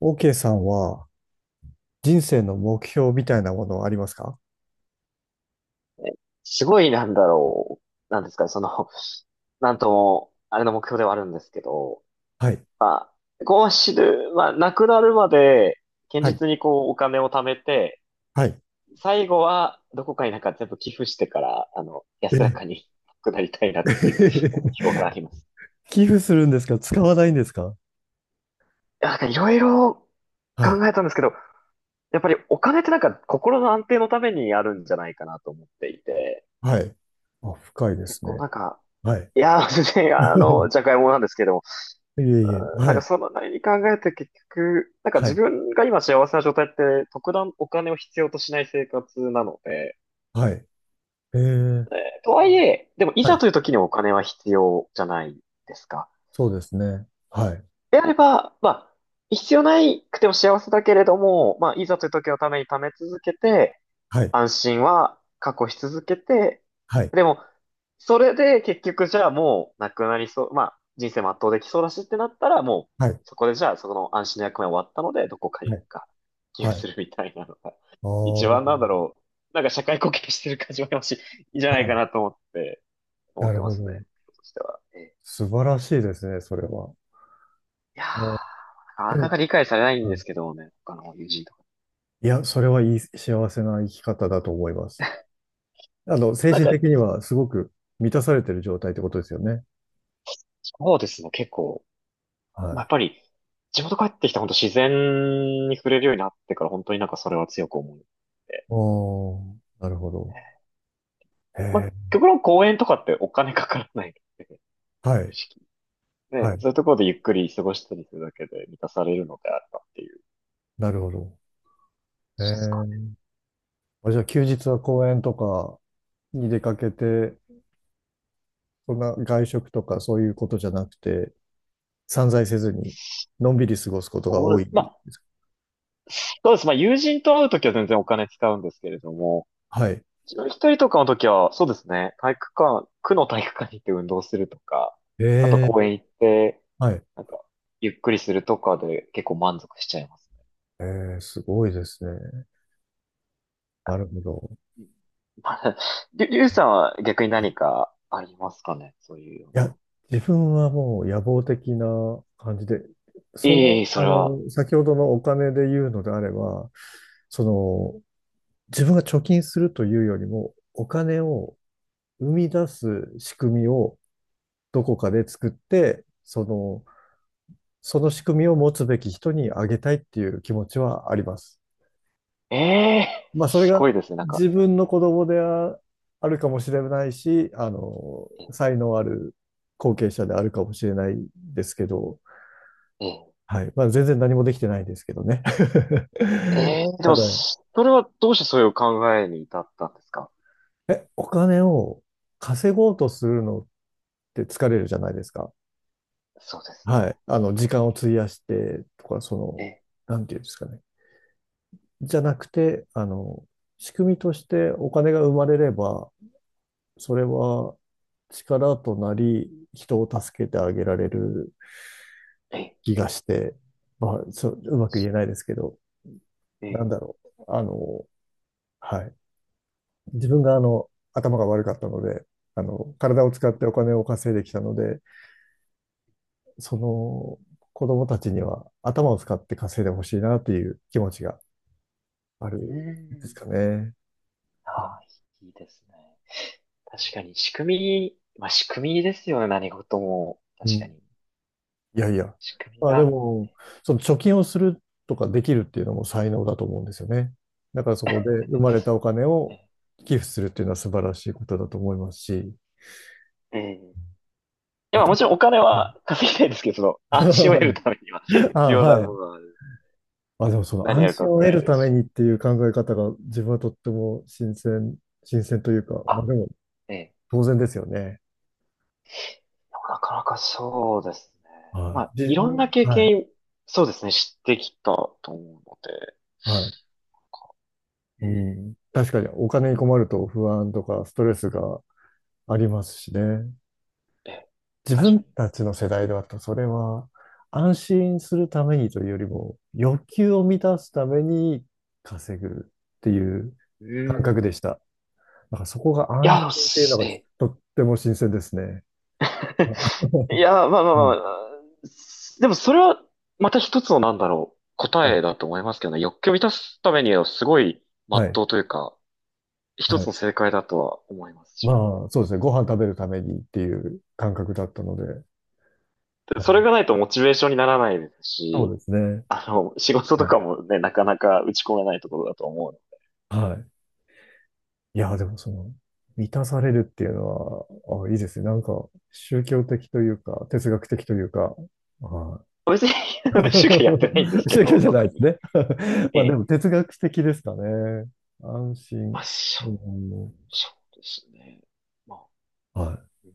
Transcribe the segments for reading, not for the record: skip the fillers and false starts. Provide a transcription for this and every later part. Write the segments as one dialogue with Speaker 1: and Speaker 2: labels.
Speaker 1: OK さんは人生の目標みたいなものはありますか？
Speaker 2: すごいなんですかね、その、なんとも、あれの目標ではあるんですけど、
Speaker 1: はい。
Speaker 2: まあ、こう死ぬ、まあ、亡くなるまで、堅
Speaker 1: はい。
Speaker 2: 実にお金を貯めて、
Speaker 1: はい。
Speaker 2: 最後は、どこかに全部寄付してから、
Speaker 1: え
Speaker 2: 安ら
Speaker 1: え。
Speaker 2: かに 亡くなりたいなっていう 目標があ ります。
Speaker 1: 寄付するんですか？使わないんですか？
Speaker 2: いろいろ
Speaker 1: はい。
Speaker 2: 考えたんですけど、やっぱりお金って心の安定のためにあるんじゃないかなと思っていて、
Speaker 1: はい。あ、深いで
Speaker 2: 結
Speaker 1: す
Speaker 2: 構
Speaker 1: ね。
Speaker 2: なんか、
Speaker 1: はい。
Speaker 2: いや、全然、じゃがいもなんですけども、
Speaker 1: いえいえ。
Speaker 2: な
Speaker 1: は
Speaker 2: ん
Speaker 1: い。
Speaker 2: かその何に考えて結局、
Speaker 1: は
Speaker 2: 自
Speaker 1: い。
Speaker 2: 分が今幸せな状態って特段お金を必要としない生活なので、
Speaker 1: はい。ええ。
Speaker 2: えはいえ、でもい
Speaker 1: は
Speaker 2: ざ
Speaker 1: い。
Speaker 2: という時にお金は必要じゃないですか。
Speaker 1: そうですね。はい。
Speaker 2: であれば、まあ、必要なくても幸せだけれども、まあ、いざという時のために貯め続けて、
Speaker 1: はい。
Speaker 2: 安心は確保し続けて、
Speaker 1: はい。
Speaker 2: でも、それで結局じゃあもうなくなりそう、まあ人生全うできそうだしってなったらもう
Speaker 1: はい。
Speaker 2: そこでじゃあそこの安心の役目終わったのでどこかに
Speaker 1: はい。
Speaker 2: 寄付
Speaker 1: はい。
Speaker 2: するみたいなのが
Speaker 1: あ
Speaker 2: 一番
Speaker 1: ー、
Speaker 2: 社会貢献してる感じもあるし、いいんじゃ
Speaker 1: は
Speaker 2: ないか
Speaker 1: い。
Speaker 2: なと思って、思
Speaker 1: な
Speaker 2: っ
Speaker 1: る
Speaker 2: てま
Speaker 1: ほ
Speaker 2: す
Speaker 1: ど。
Speaker 2: ね。としては。ええ、
Speaker 1: 素晴らしいですね、それは。
Speaker 2: いや
Speaker 1: お。
Speaker 2: ー、
Speaker 1: で
Speaker 2: なか
Speaker 1: も。
Speaker 2: なか理解されないん
Speaker 1: う
Speaker 2: です
Speaker 1: ん。
Speaker 2: けどね、他の友人とか。
Speaker 1: いや、それはいい幸せな生き方だと思います。あの、精
Speaker 2: なん
Speaker 1: 神
Speaker 2: か、
Speaker 1: 的にはすごく満たされてる状態ってことですよね。
Speaker 2: そうですね、結構。
Speaker 1: は
Speaker 2: まあや
Speaker 1: い。
Speaker 2: っぱり、地元帰ってきた本当自然に触れるようになってから本当にそれは強く思うので。
Speaker 1: おー、なるほど。へ
Speaker 2: まあ、
Speaker 1: え、
Speaker 2: 極論公園とかってお金かからないので、
Speaker 1: はい、
Speaker 2: 正直。ね、
Speaker 1: はい、
Speaker 2: そういうところでゆっくり過ごしたりするだけで満たされるのであればっていう感
Speaker 1: なるほど。へ
Speaker 2: じですかね。
Speaker 1: え、あ、じゃあ休日は公園とかに出かけて、そんな外食とかそういうことじゃなくて、散財せずに、のんびり過ごすことが
Speaker 2: ほ
Speaker 1: 多
Speaker 2: ん
Speaker 1: い
Speaker 2: まあ、
Speaker 1: ですか？
Speaker 2: そうです。まあ、友人と会うときは全然お金使うんですけれども、
Speaker 1: はい。
Speaker 2: 自分一人とかのときは、そうですね、体育館、区の体育館に行って運動するとか、
Speaker 1: え
Speaker 2: あと公
Speaker 1: え、
Speaker 2: 園行って、
Speaker 1: はい。
Speaker 2: なんか、ゆっくりするとかで結構満足しちゃいます
Speaker 1: ええ、すごいですね。なるほど。
Speaker 2: ね。はりゅうさんは逆に
Speaker 1: はい。
Speaker 2: 何かありますかねそういうよ
Speaker 1: い
Speaker 2: う
Speaker 1: や、
Speaker 2: な。
Speaker 1: 自分はもう野望的な感じで、
Speaker 2: ええ、それは。
Speaker 1: 先ほどのお金で言うのであれば、その、自分が貯金するというよりも、お金を生み出す仕組みをどこかで作って、その仕組みを持つべき人にあげたいっていう気持ちはあります。
Speaker 2: ええ、
Speaker 1: まあ、それ
Speaker 2: す
Speaker 1: が
Speaker 2: ごいですね。
Speaker 1: 自分の子供であるかもしれないし、
Speaker 2: え
Speaker 1: 才能ある後継者であるかもしれないですけど、
Speaker 2: え、
Speaker 1: はい。まあ、全然何もできてないですけどね。
Speaker 2: え え、で
Speaker 1: た
Speaker 2: も、
Speaker 1: だ、
Speaker 2: それはどうしてそういう考えに至ったんですか。
Speaker 1: お金を稼ごうとするのって疲れるじゃないですか。
Speaker 2: そうですね。
Speaker 1: はい。時間を費やしてとか、
Speaker 2: ええ、
Speaker 1: なんていうんですかね。じゃなくて、仕組みとしてお金が生まれれば、それは力となり、人を助けてあげられる
Speaker 2: ええ、
Speaker 1: 気がして、まあ、そう、うまく言えないですけど、なん
Speaker 2: ええ。
Speaker 1: だろう。はい。自分が頭が悪かったので、体を使ってお金を稼いできたので、その子供たちには頭を使って稼いでほしいなっていう気持ちがある
Speaker 2: うー
Speaker 1: んです
Speaker 2: ん。
Speaker 1: かね。
Speaker 2: ああ、いいですね。確かに仕組み、まあ仕組みですよね。何事も。
Speaker 1: う
Speaker 2: 確か
Speaker 1: ん、
Speaker 2: に。
Speaker 1: いやいや。
Speaker 2: 仕組み
Speaker 1: まあで
Speaker 2: が。
Speaker 1: も、その貯金をするとかできるっていうのも才能だと思うんですよね。だからそこで生 まれたお金
Speaker 2: え
Speaker 1: を
Speaker 2: え。
Speaker 1: 寄付するっていうのは素晴らしいことだと思いますし、
Speaker 2: ええ、い
Speaker 1: ま
Speaker 2: や、
Speaker 1: た、
Speaker 2: もちろんお金
Speaker 1: う
Speaker 2: は
Speaker 1: ん。
Speaker 2: 稼ぎたいですけど、その、安心を得る ためには 必
Speaker 1: あ、
Speaker 2: 要な
Speaker 1: は
Speaker 2: 部
Speaker 1: い。
Speaker 2: 分は
Speaker 1: まあ、でもその
Speaker 2: 何
Speaker 1: 安
Speaker 2: やるか
Speaker 1: 心
Speaker 2: わ
Speaker 1: を
Speaker 2: か
Speaker 1: 得
Speaker 2: らな
Speaker 1: る
Speaker 2: いで
Speaker 1: た
Speaker 2: す
Speaker 1: め
Speaker 2: し。
Speaker 1: にっていう考え方が自分はとっても新鮮というか、まあで
Speaker 2: あ、
Speaker 1: も
Speaker 2: ええ、
Speaker 1: 当然ですよね。
Speaker 2: なかなかそうですね。ま
Speaker 1: は
Speaker 2: あ、
Speaker 1: い。
Speaker 2: い
Speaker 1: 自
Speaker 2: ろんな
Speaker 1: 分、
Speaker 2: 経
Speaker 1: はい。
Speaker 2: 験、そうですね、知ってきたと思うので。
Speaker 1: はい。
Speaker 2: う
Speaker 1: う
Speaker 2: ん。
Speaker 1: ん。確かにお金に困ると不安とかストレスがありますしね。
Speaker 2: ええ、
Speaker 1: 自
Speaker 2: 確
Speaker 1: 分
Speaker 2: か
Speaker 1: たちの世代だとそれは安心するためにというよりも欲求を満たすために稼ぐっていう
Speaker 2: に。う
Speaker 1: 感覚で
Speaker 2: ん。
Speaker 1: した。だからそこが
Speaker 2: い
Speaker 1: 安
Speaker 2: や、で
Speaker 1: 心
Speaker 2: も
Speaker 1: っていう
Speaker 2: す
Speaker 1: のが
Speaker 2: え
Speaker 1: とっても新鮮ですね。
Speaker 2: え。い や、まあ、でもそれは、また一つの答
Speaker 1: は
Speaker 2: え
Speaker 1: い。
Speaker 2: だと思いますけどね。欲求を満たすためには、すごい、ま
Speaker 1: は
Speaker 2: っ
Speaker 1: い。
Speaker 2: とうというか、一
Speaker 1: は
Speaker 2: つ
Speaker 1: い。
Speaker 2: の正解だとは思います、自分
Speaker 1: ま
Speaker 2: も。
Speaker 1: あ、そうですね。ご飯食べるためにっていう感覚だったので。
Speaker 2: で
Speaker 1: ま
Speaker 2: それが
Speaker 1: あ
Speaker 2: ないとモチベーションにならないです
Speaker 1: そう
Speaker 2: し、
Speaker 1: ですね。
Speaker 2: あの、仕事と
Speaker 1: は
Speaker 2: か
Speaker 1: い。
Speaker 2: もね、なかなか打ち込めないところだと思う
Speaker 1: はい。いや、でも満たされるっていうのは、あ、いいですね。なんか、宗教的というか、哲学的というか、はい。
Speaker 2: の。別に 主教やってないんで すけ
Speaker 1: 宗教
Speaker 2: ど、
Speaker 1: じゃな
Speaker 2: 特
Speaker 1: いです
Speaker 2: に。
Speaker 1: ね。
Speaker 2: え
Speaker 1: まあ、で
Speaker 2: え。
Speaker 1: も哲学的ですかね。安心。
Speaker 2: まあ、
Speaker 1: うん、
Speaker 2: そうですね。まあ、
Speaker 1: はい。
Speaker 2: うん、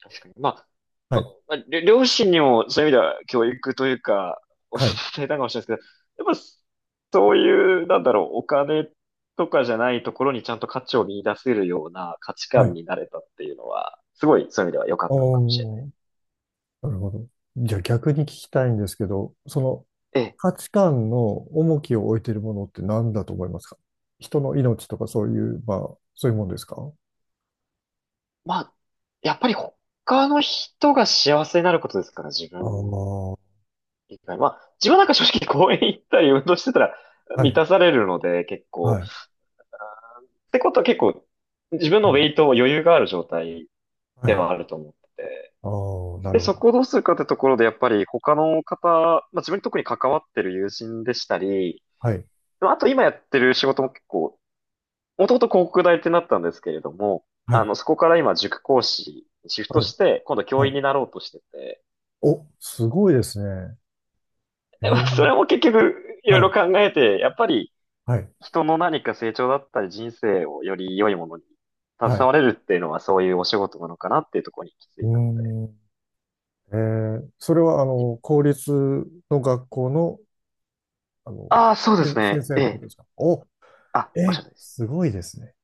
Speaker 2: 確かに。まあ、
Speaker 1: は
Speaker 2: ま
Speaker 1: い。
Speaker 2: まありょ両親にもそういう意味では教育というか、お伝
Speaker 1: はい。
Speaker 2: えたかもしれないですけど、やっぱそういう、お金とかじゃないところにちゃんと価値を見出せるような価値
Speaker 1: は
Speaker 2: 観
Speaker 1: い。
Speaker 2: になれたっていうのは、すごいそういう意味では良かったのかもしれな
Speaker 1: お
Speaker 2: い。
Speaker 1: ー、なるほど。じゃあ逆に聞きたいんですけど、
Speaker 2: ええ。
Speaker 1: 価値観の重きを置いているものって何だと思いますか？人の命とかそういう、まあ、そういうもんですか？
Speaker 2: まあ、やっぱり他の人が幸せになることですから、自
Speaker 1: ああ
Speaker 2: 分
Speaker 1: ー、
Speaker 2: 以外。まあ、自分なんか正直公園行ったり運動してたら
Speaker 1: は
Speaker 2: 満
Speaker 1: い、
Speaker 2: たされるので、結
Speaker 1: は
Speaker 2: 構。
Speaker 1: い、
Speaker 2: ってことは結構、自分のウェイトを余裕がある状態
Speaker 1: は
Speaker 2: で
Speaker 1: い。
Speaker 2: はあると思ってて。
Speaker 1: ああー、な
Speaker 2: で、
Speaker 1: るほ
Speaker 2: そ
Speaker 1: ど。
Speaker 2: こをどうするかってところで、やっぱり他の方、まあ自分に特に関わってる友人でしたり、
Speaker 1: はい、
Speaker 2: まああと今やってる仕事も結構、もともと広告代理店だったんですけれども、
Speaker 1: は
Speaker 2: あ
Speaker 1: い、
Speaker 2: の、そこから今塾講師にシフト
Speaker 1: はい、
Speaker 2: して、今度
Speaker 1: は
Speaker 2: 教員
Speaker 1: い。
Speaker 2: になろうとしてて、
Speaker 1: お、すごいですね。え
Speaker 2: まあそ
Speaker 1: ー、
Speaker 2: れも結局、いろい
Speaker 1: は
Speaker 2: ろ
Speaker 1: い、
Speaker 2: 考えて、やっぱり
Speaker 1: はい、
Speaker 2: 人の何か成長だったり人生をより良いものに
Speaker 1: は
Speaker 2: 携
Speaker 1: い。
Speaker 2: われるっていうのはそういうお仕事なのかなっていうところに行き着
Speaker 1: う
Speaker 2: いたの
Speaker 1: ーん、えそれは、
Speaker 2: で。
Speaker 1: 公立の学校の、あの、
Speaker 2: ああ、そうです
Speaker 1: せ先
Speaker 2: ね。
Speaker 1: 生
Speaker 2: え
Speaker 1: ってことで
Speaker 2: え。
Speaker 1: すか？お、
Speaker 2: あ、おっし
Speaker 1: え
Speaker 2: ゃるとおりです。
Speaker 1: すごいですね。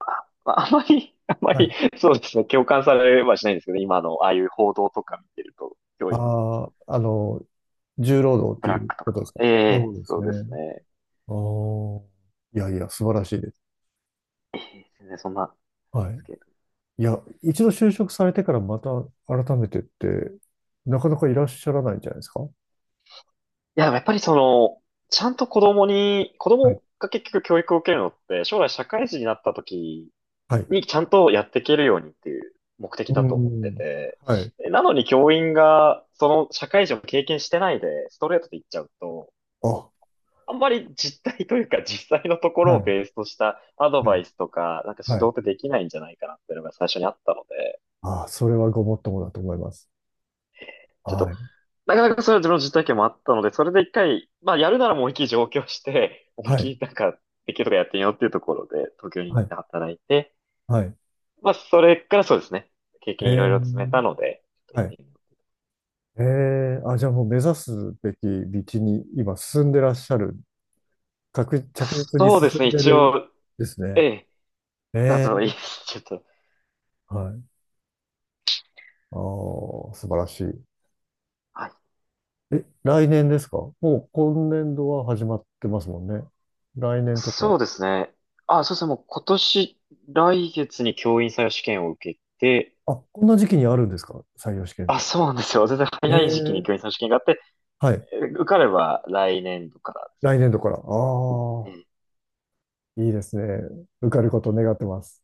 Speaker 2: あ、まああまり、あま
Speaker 1: は
Speaker 2: り、
Speaker 1: い。
Speaker 2: そうですね。共感されはしないんですけど、今のああいう報道とか見てると、教員の
Speaker 1: ああ、重労働っ
Speaker 2: ブ
Speaker 1: て
Speaker 2: ラッ
Speaker 1: いう
Speaker 2: クと
Speaker 1: ことです
Speaker 2: か。
Speaker 1: か？
Speaker 2: え
Speaker 1: そ
Speaker 2: え、
Speaker 1: うです
Speaker 2: そうです
Speaker 1: ね。
Speaker 2: ね。
Speaker 1: ああ、いやいや、素晴らしいです。
Speaker 2: ええ、全然そんな、なん
Speaker 1: は
Speaker 2: で
Speaker 1: い。
Speaker 2: すけど。
Speaker 1: いや、一度就職されてからまた改めてって、なかなかいらっしゃらないんじゃないですか？は
Speaker 2: いや、でもやっぱりその、ちゃんと子
Speaker 1: い。
Speaker 2: 供が結局教育を受けるのって、将来社会人になった時
Speaker 1: はい。
Speaker 2: にちゃんとやっていけるようにっていう目的
Speaker 1: う
Speaker 2: だと思って
Speaker 1: ん。
Speaker 2: て、
Speaker 1: はい。
Speaker 2: なのに教員がその社会人を経験してないで、ストレートで言っちゃうと、
Speaker 1: あ、は
Speaker 2: あんまり実態というか実際のところをベー
Speaker 1: い。
Speaker 2: スとしたアド
Speaker 1: は
Speaker 2: バ
Speaker 1: い。
Speaker 2: イスとか、
Speaker 1: は
Speaker 2: 指導
Speaker 1: い。
Speaker 2: ってできないんじゃないかなっていうのが最初にあったので、
Speaker 1: ああ、それはごもっともだと思います。
Speaker 2: ちょっ
Speaker 1: は
Speaker 2: と、
Speaker 1: い。
Speaker 2: なかなかそれは自分の実体験もあったので、それで一回、まあやるならもう思いっきり上京して、思いっ
Speaker 1: は
Speaker 2: き
Speaker 1: い。
Speaker 2: りなんか、できるとかやってみようっていうところで、東京に行
Speaker 1: は
Speaker 2: っ
Speaker 1: い。
Speaker 2: て働いて、
Speaker 1: はい。
Speaker 2: まあそれからそうですね、経
Speaker 1: え
Speaker 2: 験いろいろ積め
Speaker 1: ー、
Speaker 2: たので、ちょっと
Speaker 1: は
Speaker 2: 行っ
Speaker 1: い。
Speaker 2: てみよう。
Speaker 1: えあ、じゃあもう目指すべき道に今進んでらっしゃる。着実に
Speaker 2: そうで
Speaker 1: 進
Speaker 2: すね、
Speaker 1: んで
Speaker 2: 一
Speaker 1: る
Speaker 2: 応、
Speaker 1: ですね。
Speaker 2: ええ、だ
Speaker 1: え
Speaker 2: といい
Speaker 1: え。
Speaker 2: です。ちょっと、
Speaker 1: はい。ああ、素晴らしい。
Speaker 2: はい。
Speaker 1: え、来年ですか？もう今年度は始まってますもんね。来年と
Speaker 2: そ
Speaker 1: か。
Speaker 2: うですね。もう来月に教員採用試験を受けて、
Speaker 1: あ、こんな時期にあるんですか？採用試験っ
Speaker 2: あ、
Speaker 1: て。
Speaker 2: そうなんですよ。全然
Speaker 1: え
Speaker 2: 早い時期に教員採
Speaker 1: え。
Speaker 2: 用試験があって、
Speaker 1: はい。
Speaker 2: 受かれば来年度からです
Speaker 1: 来年度から。ああ、
Speaker 2: ね。
Speaker 1: いいですね。受かることを願ってます。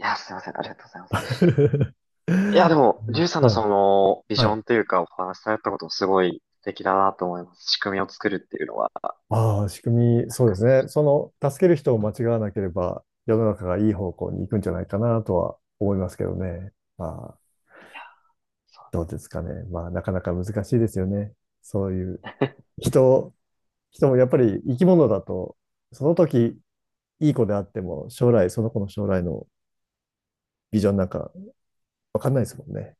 Speaker 2: いや、すいません。ありがとうございます。いや、でも、
Speaker 1: ね。
Speaker 2: リュウさんの
Speaker 1: はい。
Speaker 2: その、ビジ
Speaker 1: は
Speaker 2: ョ
Speaker 1: い。
Speaker 2: ンというか、お話しされたことすごい素敵だなと思います。仕組みを作るっていうのは。
Speaker 1: ああ、仕組み、そうですね。助ける人を間違わなければ、世の中がいい方向に行くんじゃないかなとは思いますけどね。ああ。
Speaker 2: いや、そ
Speaker 1: どうですかね。まあ、なかなか難しいですよね。そういう
Speaker 2: うね
Speaker 1: 人、人もやっぱり生き物だと、その時いい子であっても、将来、その子の将来のビジョンなんかわかんないですもんね。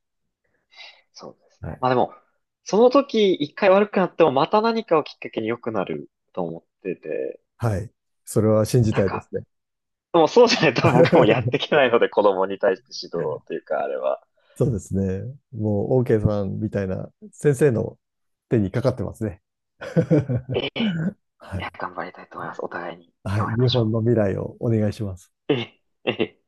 Speaker 2: そうですね。
Speaker 1: はい。
Speaker 2: まあでも、その時一回悪くなっても、また何かをきっかけに良くなると思ってて、
Speaker 1: はい。それは信じ
Speaker 2: なん
Speaker 1: たいです
Speaker 2: か、
Speaker 1: ね。
Speaker 2: でもそうじゃないと 僕もやってい けないので、子供に対して指導というか、あれは。
Speaker 1: そうですね。もう、OK さんみたいな先生の手にかかってますね。
Speaker 2: え え、
Speaker 1: は
Speaker 2: い
Speaker 1: い。
Speaker 2: や、頑張りたいと思います。お互いに
Speaker 1: はい。
Speaker 2: 頑張りま
Speaker 1: 日
Speaker 2: し
Speaker 1: 本
Speaker 2: ょ
Speaker 1: の未来をお願いします。
Speaker 2: う。ええ、ええ。